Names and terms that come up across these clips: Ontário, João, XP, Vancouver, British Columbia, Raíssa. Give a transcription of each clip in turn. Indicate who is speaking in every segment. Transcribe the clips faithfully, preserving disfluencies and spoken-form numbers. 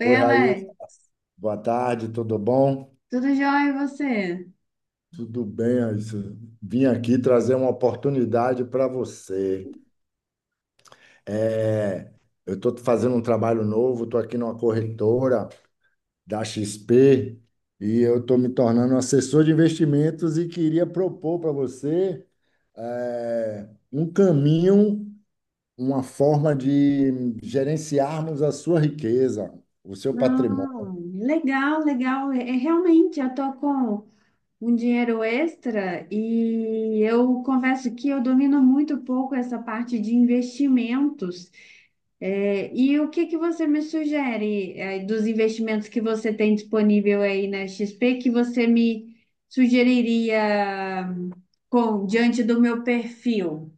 Speaker 1: Oi,
Speaker 2: Oi, Raíssa.
Speaker 1: Alex,
Speaker 2: Boa tarde, tudo bom?
Speaker 1: tudo jóia e você?
Speaker 2: Tudo bem, Raíssa. Vim aqui trazer uma oportunidade para você. É, eu estou fazendo um trabalho novo, estou aqui numa corretora da X P e eu estou me tornando um assessor de investimentos e queria propor para você é, um caminho, uma forma de gerenciarmos a sua riqueza, o seu patrimônio.
Speaker 1: Não, legal, legal. É, é, realmente, eu tô com um dinheiro extra e eu confesso que eu domino muito pouco essa parte de investimentos. É, e o que que você me sugere, é, dos investimentos que você tem disponível aí na X P que você me sugeriria com diante do meu perfil?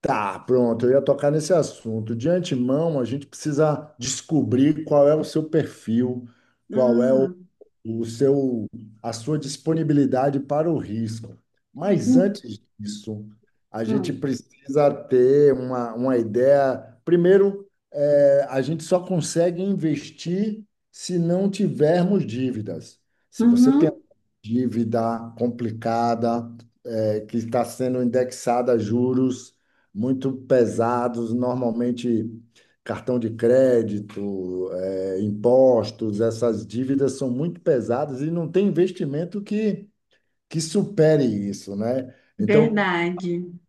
Speaker 2: Tá, pronto, eu ia tocar nesse assunto. De antemão, a gente precisa descobrir qual é o seu perfil, qual é o,
Speaker 1: Hum.
Speaker 2: o seu, a sua disponibilidade para o risco. Mas
Speaker 1: Hum.
Speaker 2: antes disso, a gente
Speaker 1: Hum.
Speaker 2: precisa ter uma, uma ideia. Primeiro, é, a gente só consegue investir se não tivermos dívidas. Se você tem
Speaker 1: Uhum.
Speaker 2: dívida complicada, é que está sendo indexada a juros muito pesados, normalmente cartão de crédito, eh, impostos, essas dívidas são muito pesadas e não tem investimento que, que supere isso, né? Então,
Speaker 1: Verdade.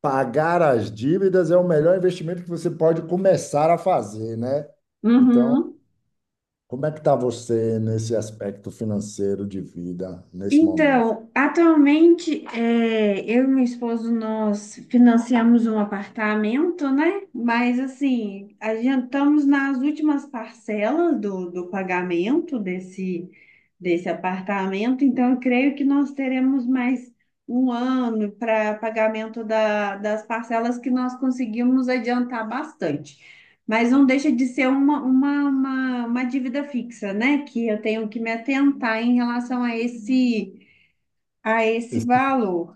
Speaker 2: pagar as dívidas é o melhor investimento que você pode começar a fazer, né? Então,
Speaker 1: Uhum.
Speaker 2: como é que está você nesse aspecto financeiro de vida, nesse momento?
Speaker 1: Então, atualmente, é, eu e meu esposo, nós financiamos um apartamento, né? Mas, assim, adiantamos nas últimas parcelas do, do pagamento desse, desse apartamento. Então, eu creio que nós teremos mais um ano para pagamento da- das parcelas que nós conseguimos adiantar bastante. Mas não deixa de ser uma, uma, uma, uma dívida fixa, né? Que eu tenho que me atentar em relação a esse, a esse valor.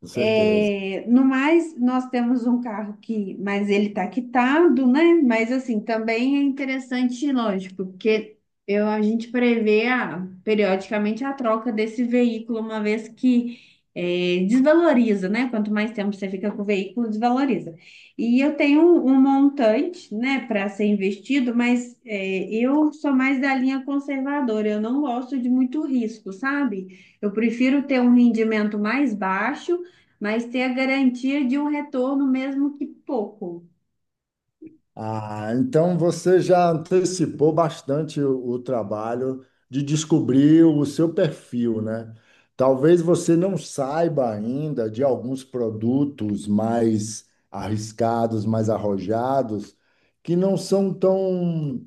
Speaker 2: Com certeza.
Speaker 1: É, no mais, nós temos um carro que, mas ele está quitado, né? Mas assim, também é interessante, lógico, porque eu, a gente prevê a- periodicamente a troca desse veículo, uma vez que é, desvaloriza, né? Quanto mais tempo você fica com o veículo, desvaloriza. E eu tenho um, um montante, né, para ser investido, mas é, eu sou mais da linha conservadora, eu não gosto de muito risco, sabe? Eu prefiro ter um rendimento mais baixo, mas ter a garantia de um retorno mesmo que pouco.
Speaker 2: Ah, então você já antecipou bastante o, o trabalho de descobrir o seu perfil, né? Talvez você não saiba ainda de alguns produtos mais arriscados, mais arrojados, que não são tão,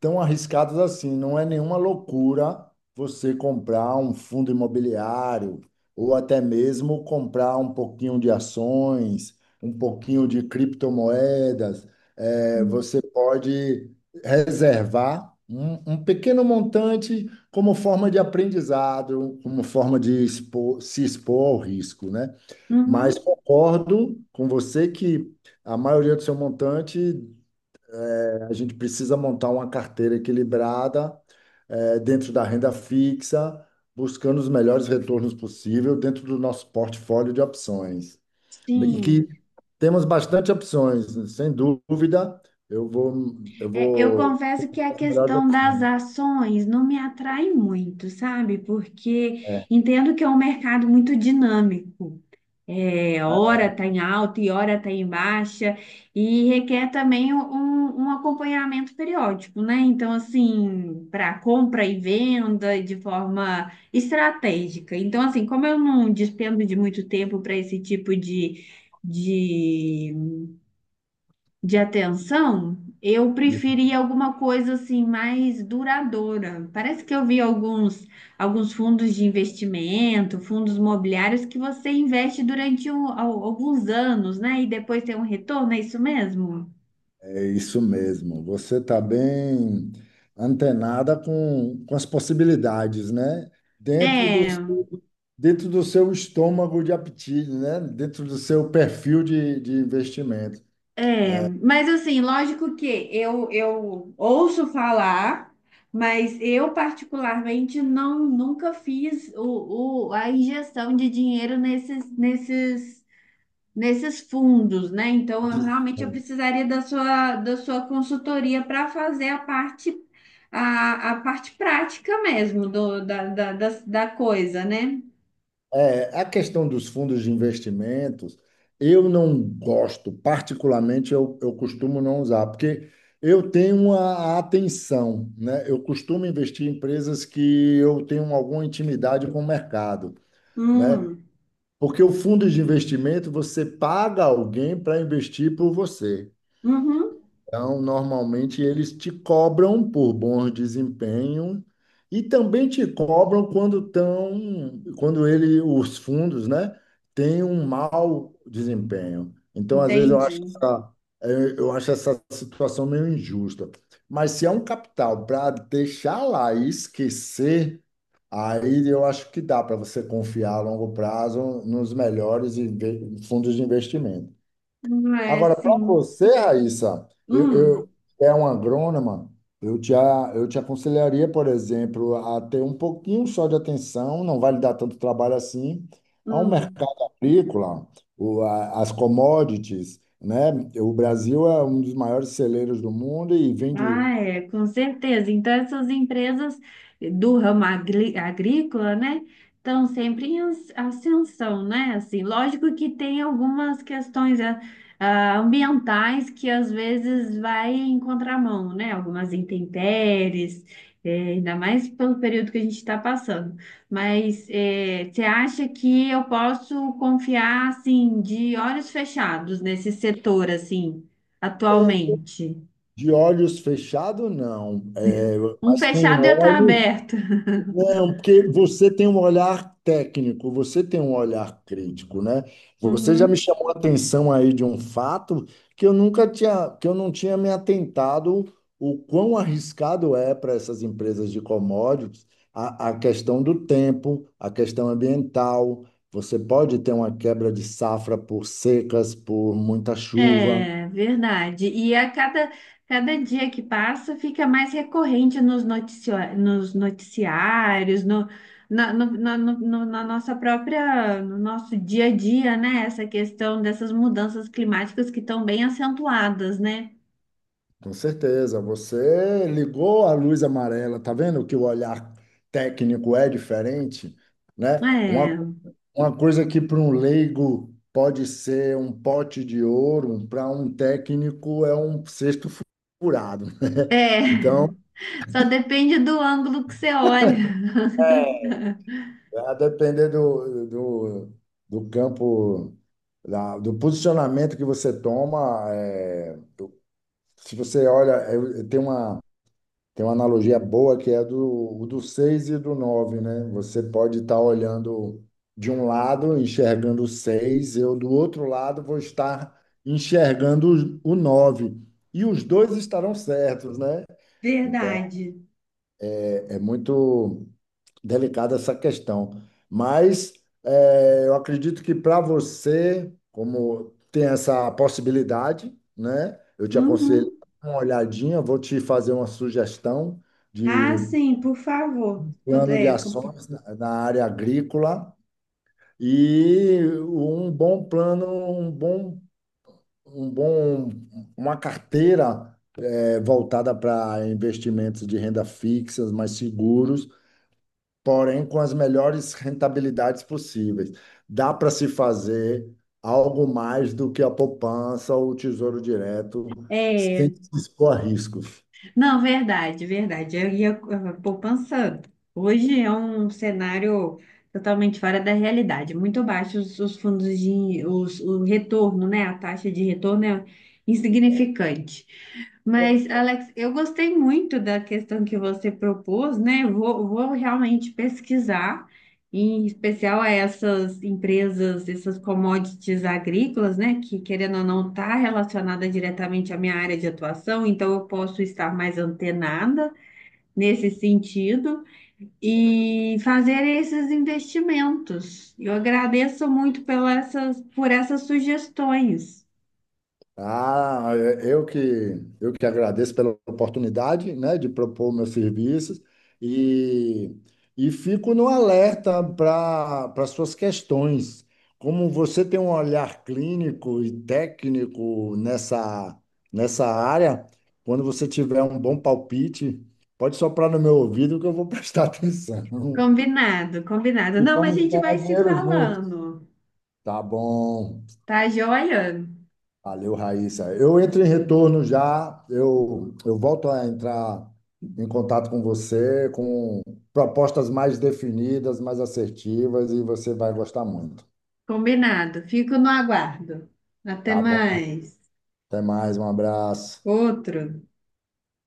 Speaker 2: tão arriscados assim. Não é nenhuma loucura você comprar um fundo imobiliário ou até mesmo comprar um pouquinho de ações, um pouquinho de criptomoedas. É,
Speaker 1: Hum.
Speaker 2: você pode reservar um, um pequeno montante como forma de aprendizado, como forma de expor- se expor ao risco, né? Mas
Speaker 1: Uhum.
Speaker 2: concordo com você que a maioria do seu montante, eh, a gente precisa montar uma carteira equilibrada, eh, dentro da renda fixa, buscando os melhores retornos possível dentro do nosso portfólio de opções. E que
Speaker 1: Sim.
Speaker 2: temos bastante opções, sem dúvida. Eu vou, eu
Speaker 1: É, eu
Speaker 2: vou.
Speaker 1: confesso que a
Speaker 2: As melhores
Speaker 1: questão das
Speaker 2: opções.
Speaker 1: ações não me atrai muito, sabe? Porque
Speaker 2: É,
Speaker 1: entendo que é um mercado muito dinâmico. É, hora está em alta e hora está em baixa, e requer também um, um um acompanhamento periódico, né? Então, assim, para compra e venda de forma estratégica. Então, assim, como eu não despendo de muito tempo para esse tipo de, de de atenção, eu preferia alguma coisa assim mais duradoura. Parece que eu vi alguns, alguns fundos de investimento, fundos imobiliários que você investe durante um- al- alguns anos, né? E depois tem um retorno, é isso mesmo?
Speaker 2: é isso mesmo. Você está bem antenada com, com as possibilidades, né? Dentro do,
Speaker 1: É,
Speaker 2: seu- Dentro do seu estômago de apetite, né? Dentro do seu perfil de, de investimento.
Speaker 1: é. Mas assim, lógico que eu, eu ouço falar, mas eu particularmente não nunca fiz o, o- a injeção de dinheiro nesses, nesses nesses fundos, né? Então, eu realmente eu precisaria da sua, da sua consultoria para fazer a parte, a, a parte prática mesmo do, da, da, da, da coisa, né?
Speaker 2: É, a questão dos fundos de investimentos, eu não gosto, particularmente eu, eu costumo não usar, porque eu tenho uma atenção, né? Eu costumo investir em empresas que eu tenho alguma intimidade com o mercado, né?
Speaker 1: Hum.
Speaker 2: Porque o fundo de investimento, você paga alguém para investir por você.
Speaker 1: Uhum.
Speaker 2: Então, normalmente eles te cobram por bom desempenho e também te cobram quando estão, quando ele, os fundos, né, têm um mau desempenho. Então, às vezes eu acho
Speaker 1: Entendi.
Speaker 2: essa, eh, eu acho essa situação meio injusta. Mas se é um capital para deixar lá e esquecer, aí eu acho que dá para você confiar a longo prazo nos melhores inve- fundos de investimento.
Speaker 1: Não é
Speaker 2: Agora, para
Speaker 1: assim.
Speaker 2: você, Raíssa, eu, eu
Speaker 1: Hum.
Speaker 2: que é uma agrônoma, eu te, a- eu te aconselharia, por exemplo, a ter um pouquinho só de atenção, não vai lhe dar tanto trabalho assim, a um
Speaker 1: Hum.
Speaker 2: mercado agrícola, o, a- as commodities, né? O Brasil é um dos maiores celeiros do mundo e vende
Speaker 1: Ah, é, com certeza. Então, essas empresas do ramo agri- agrícola, né, estão sempre em as- ascensão, né? Assim, lógico que tem algumas questões ah, ah, ambientais que às vezes vai em contramão, né? Algumas intempéries, eh, ainda mais pelo período que a gente está passando. Mas eh, você acha que eu posso confiar, assim, de olhos fechados nesse setor, assim, atualmente?
Speaker 2: de olhos fechados, não, é,
Speaker 1: Um
Speaker 2: mas com
Speaker 1: fechado e outro
Speaker 2: óleo.
Speaker 1: aberto.
Speaker 2: Não, porque você tem um olhar técnico, você tem um olhar crítico, né? Você já me
Speaker 1: Uhum.
Speaker 2: chamou a atenção aí de um fato que eu nunca tinha, que eu não tinha me atentado o quão arriscado é para essas empresas de commodities a, a questão do tempo, a questão ambiental. Você pode ter uma quebra de safra por secas, por muita chuva.
Speaker 1: É verdade. E a cada, cada dia que passa fica mais recorrente nos, noticio- nos noticiários, no, na, no- na- no- no- na nossa própria, no nosso dia a dia, né? Essa questão dessas mudanças climáticas que estão bem acentuadas, né?
Speaker 2: Com certeza, você ligou a luz amarela, tá vendo que o olhar técnico é diferente, né? Uma,
Speaker 1: É,
Speaker 2: uma coisa que para um leigo pode ser um pote de ouro, para um técnico é um cesto fu- furado,
Speaker 1: é,
Speaker 2: né? Então,
Speaker 1: só depende do ângulo que você olha.
Speaker 2: é, a depender do, do, do campo, da- do posicionamento que você toma, é, do- se você olha, eu- eu- tem uma. Tem uma analogia boa que é do, do seis e do nove, né? Você pode estar olhando de um lado, enxergando o seis, eu do outro lado vou estar enxergando o nove. E os dois estarão certos, né? Então,
Speaker 1: Verdade.
Speaker 2: é é muito delicada essa questão. Mas é, eu acredito que para você, como tem essa possibilidade, né? Eu te aconselho
Speaker 1: Uhum.
Speaker 2: uma olhadinha, vou te fazer uma sugestão
Speaker 1: Ah,
Speaker 2: de
Speaker 1: sim, por favor. Se
Speaker 2: plano de
Speaker 1: puder, compa-
Speaker 2: ações na na área agrícola e um bom plano, um bom, um bom, uma carteira eh, voltada para investimentos de renda fixa, mais seguros, porém com as melhores rentabilidades possíveis. Dá para se fazer algo mais do que a poupança ou o tesouro direto sem se expor a riscos.
Speaker 1: Não, verdade, verdade. Eu ia eh, poupança. Hoje é um cenário totalmente fora da realidade. Muito baixos os, os fundos de os, o retorno, né? A taxa de retorno é insignificante. Mas, Alex, eu gostei muito da questão que você propôs, né? Vou, vou realmente pesquisar em especial a essas empresas, essas commodities agrícolas, né, que querendo ou não está relacionada diretamente à minha área de atuação, então eu posso estar mais antenada nesse sentido e fazer esses investimentos. Eu agradeço muito pela essas, por essas sugestões.
Speaker 2: Ah, é- eu que, eu que agradeço pela oportunidade, né, de propor meus serviços e, e fico no alerta para para suas questões. Como você tem um olhar clínico e técnico nessa, nessa área, quando você tiver um bom palpite, pode soprar no meu ouvido que eu vou prestar atenção.
Speaker 1: Combinado, combinado.
Speaker 2: E
Speaker 1: Não, mas a
Speaker 2: vamos
Speaker 1: gente vai
Speaker 2: ganhar
Speaker 1: se
Speaker 2: dinheiro juntos.
Speaker 1: falando,
Speaker 2: Tá bom.
Speaker 1: tá joia?
Speaker 2: Valeu, Raíssa. Eu entro em retorno já, eu, eu volto a entrar em contato com você com propostas mais definidas, mais assertivas, e você vai gostar muito.
Speaker 1: Combinado. Fico no aguardo. Até
Speaker 2: Tá bom?
Speaker 1: mais.
Speaker 2: Até mais, um abraço.
Speaker 1: Outro.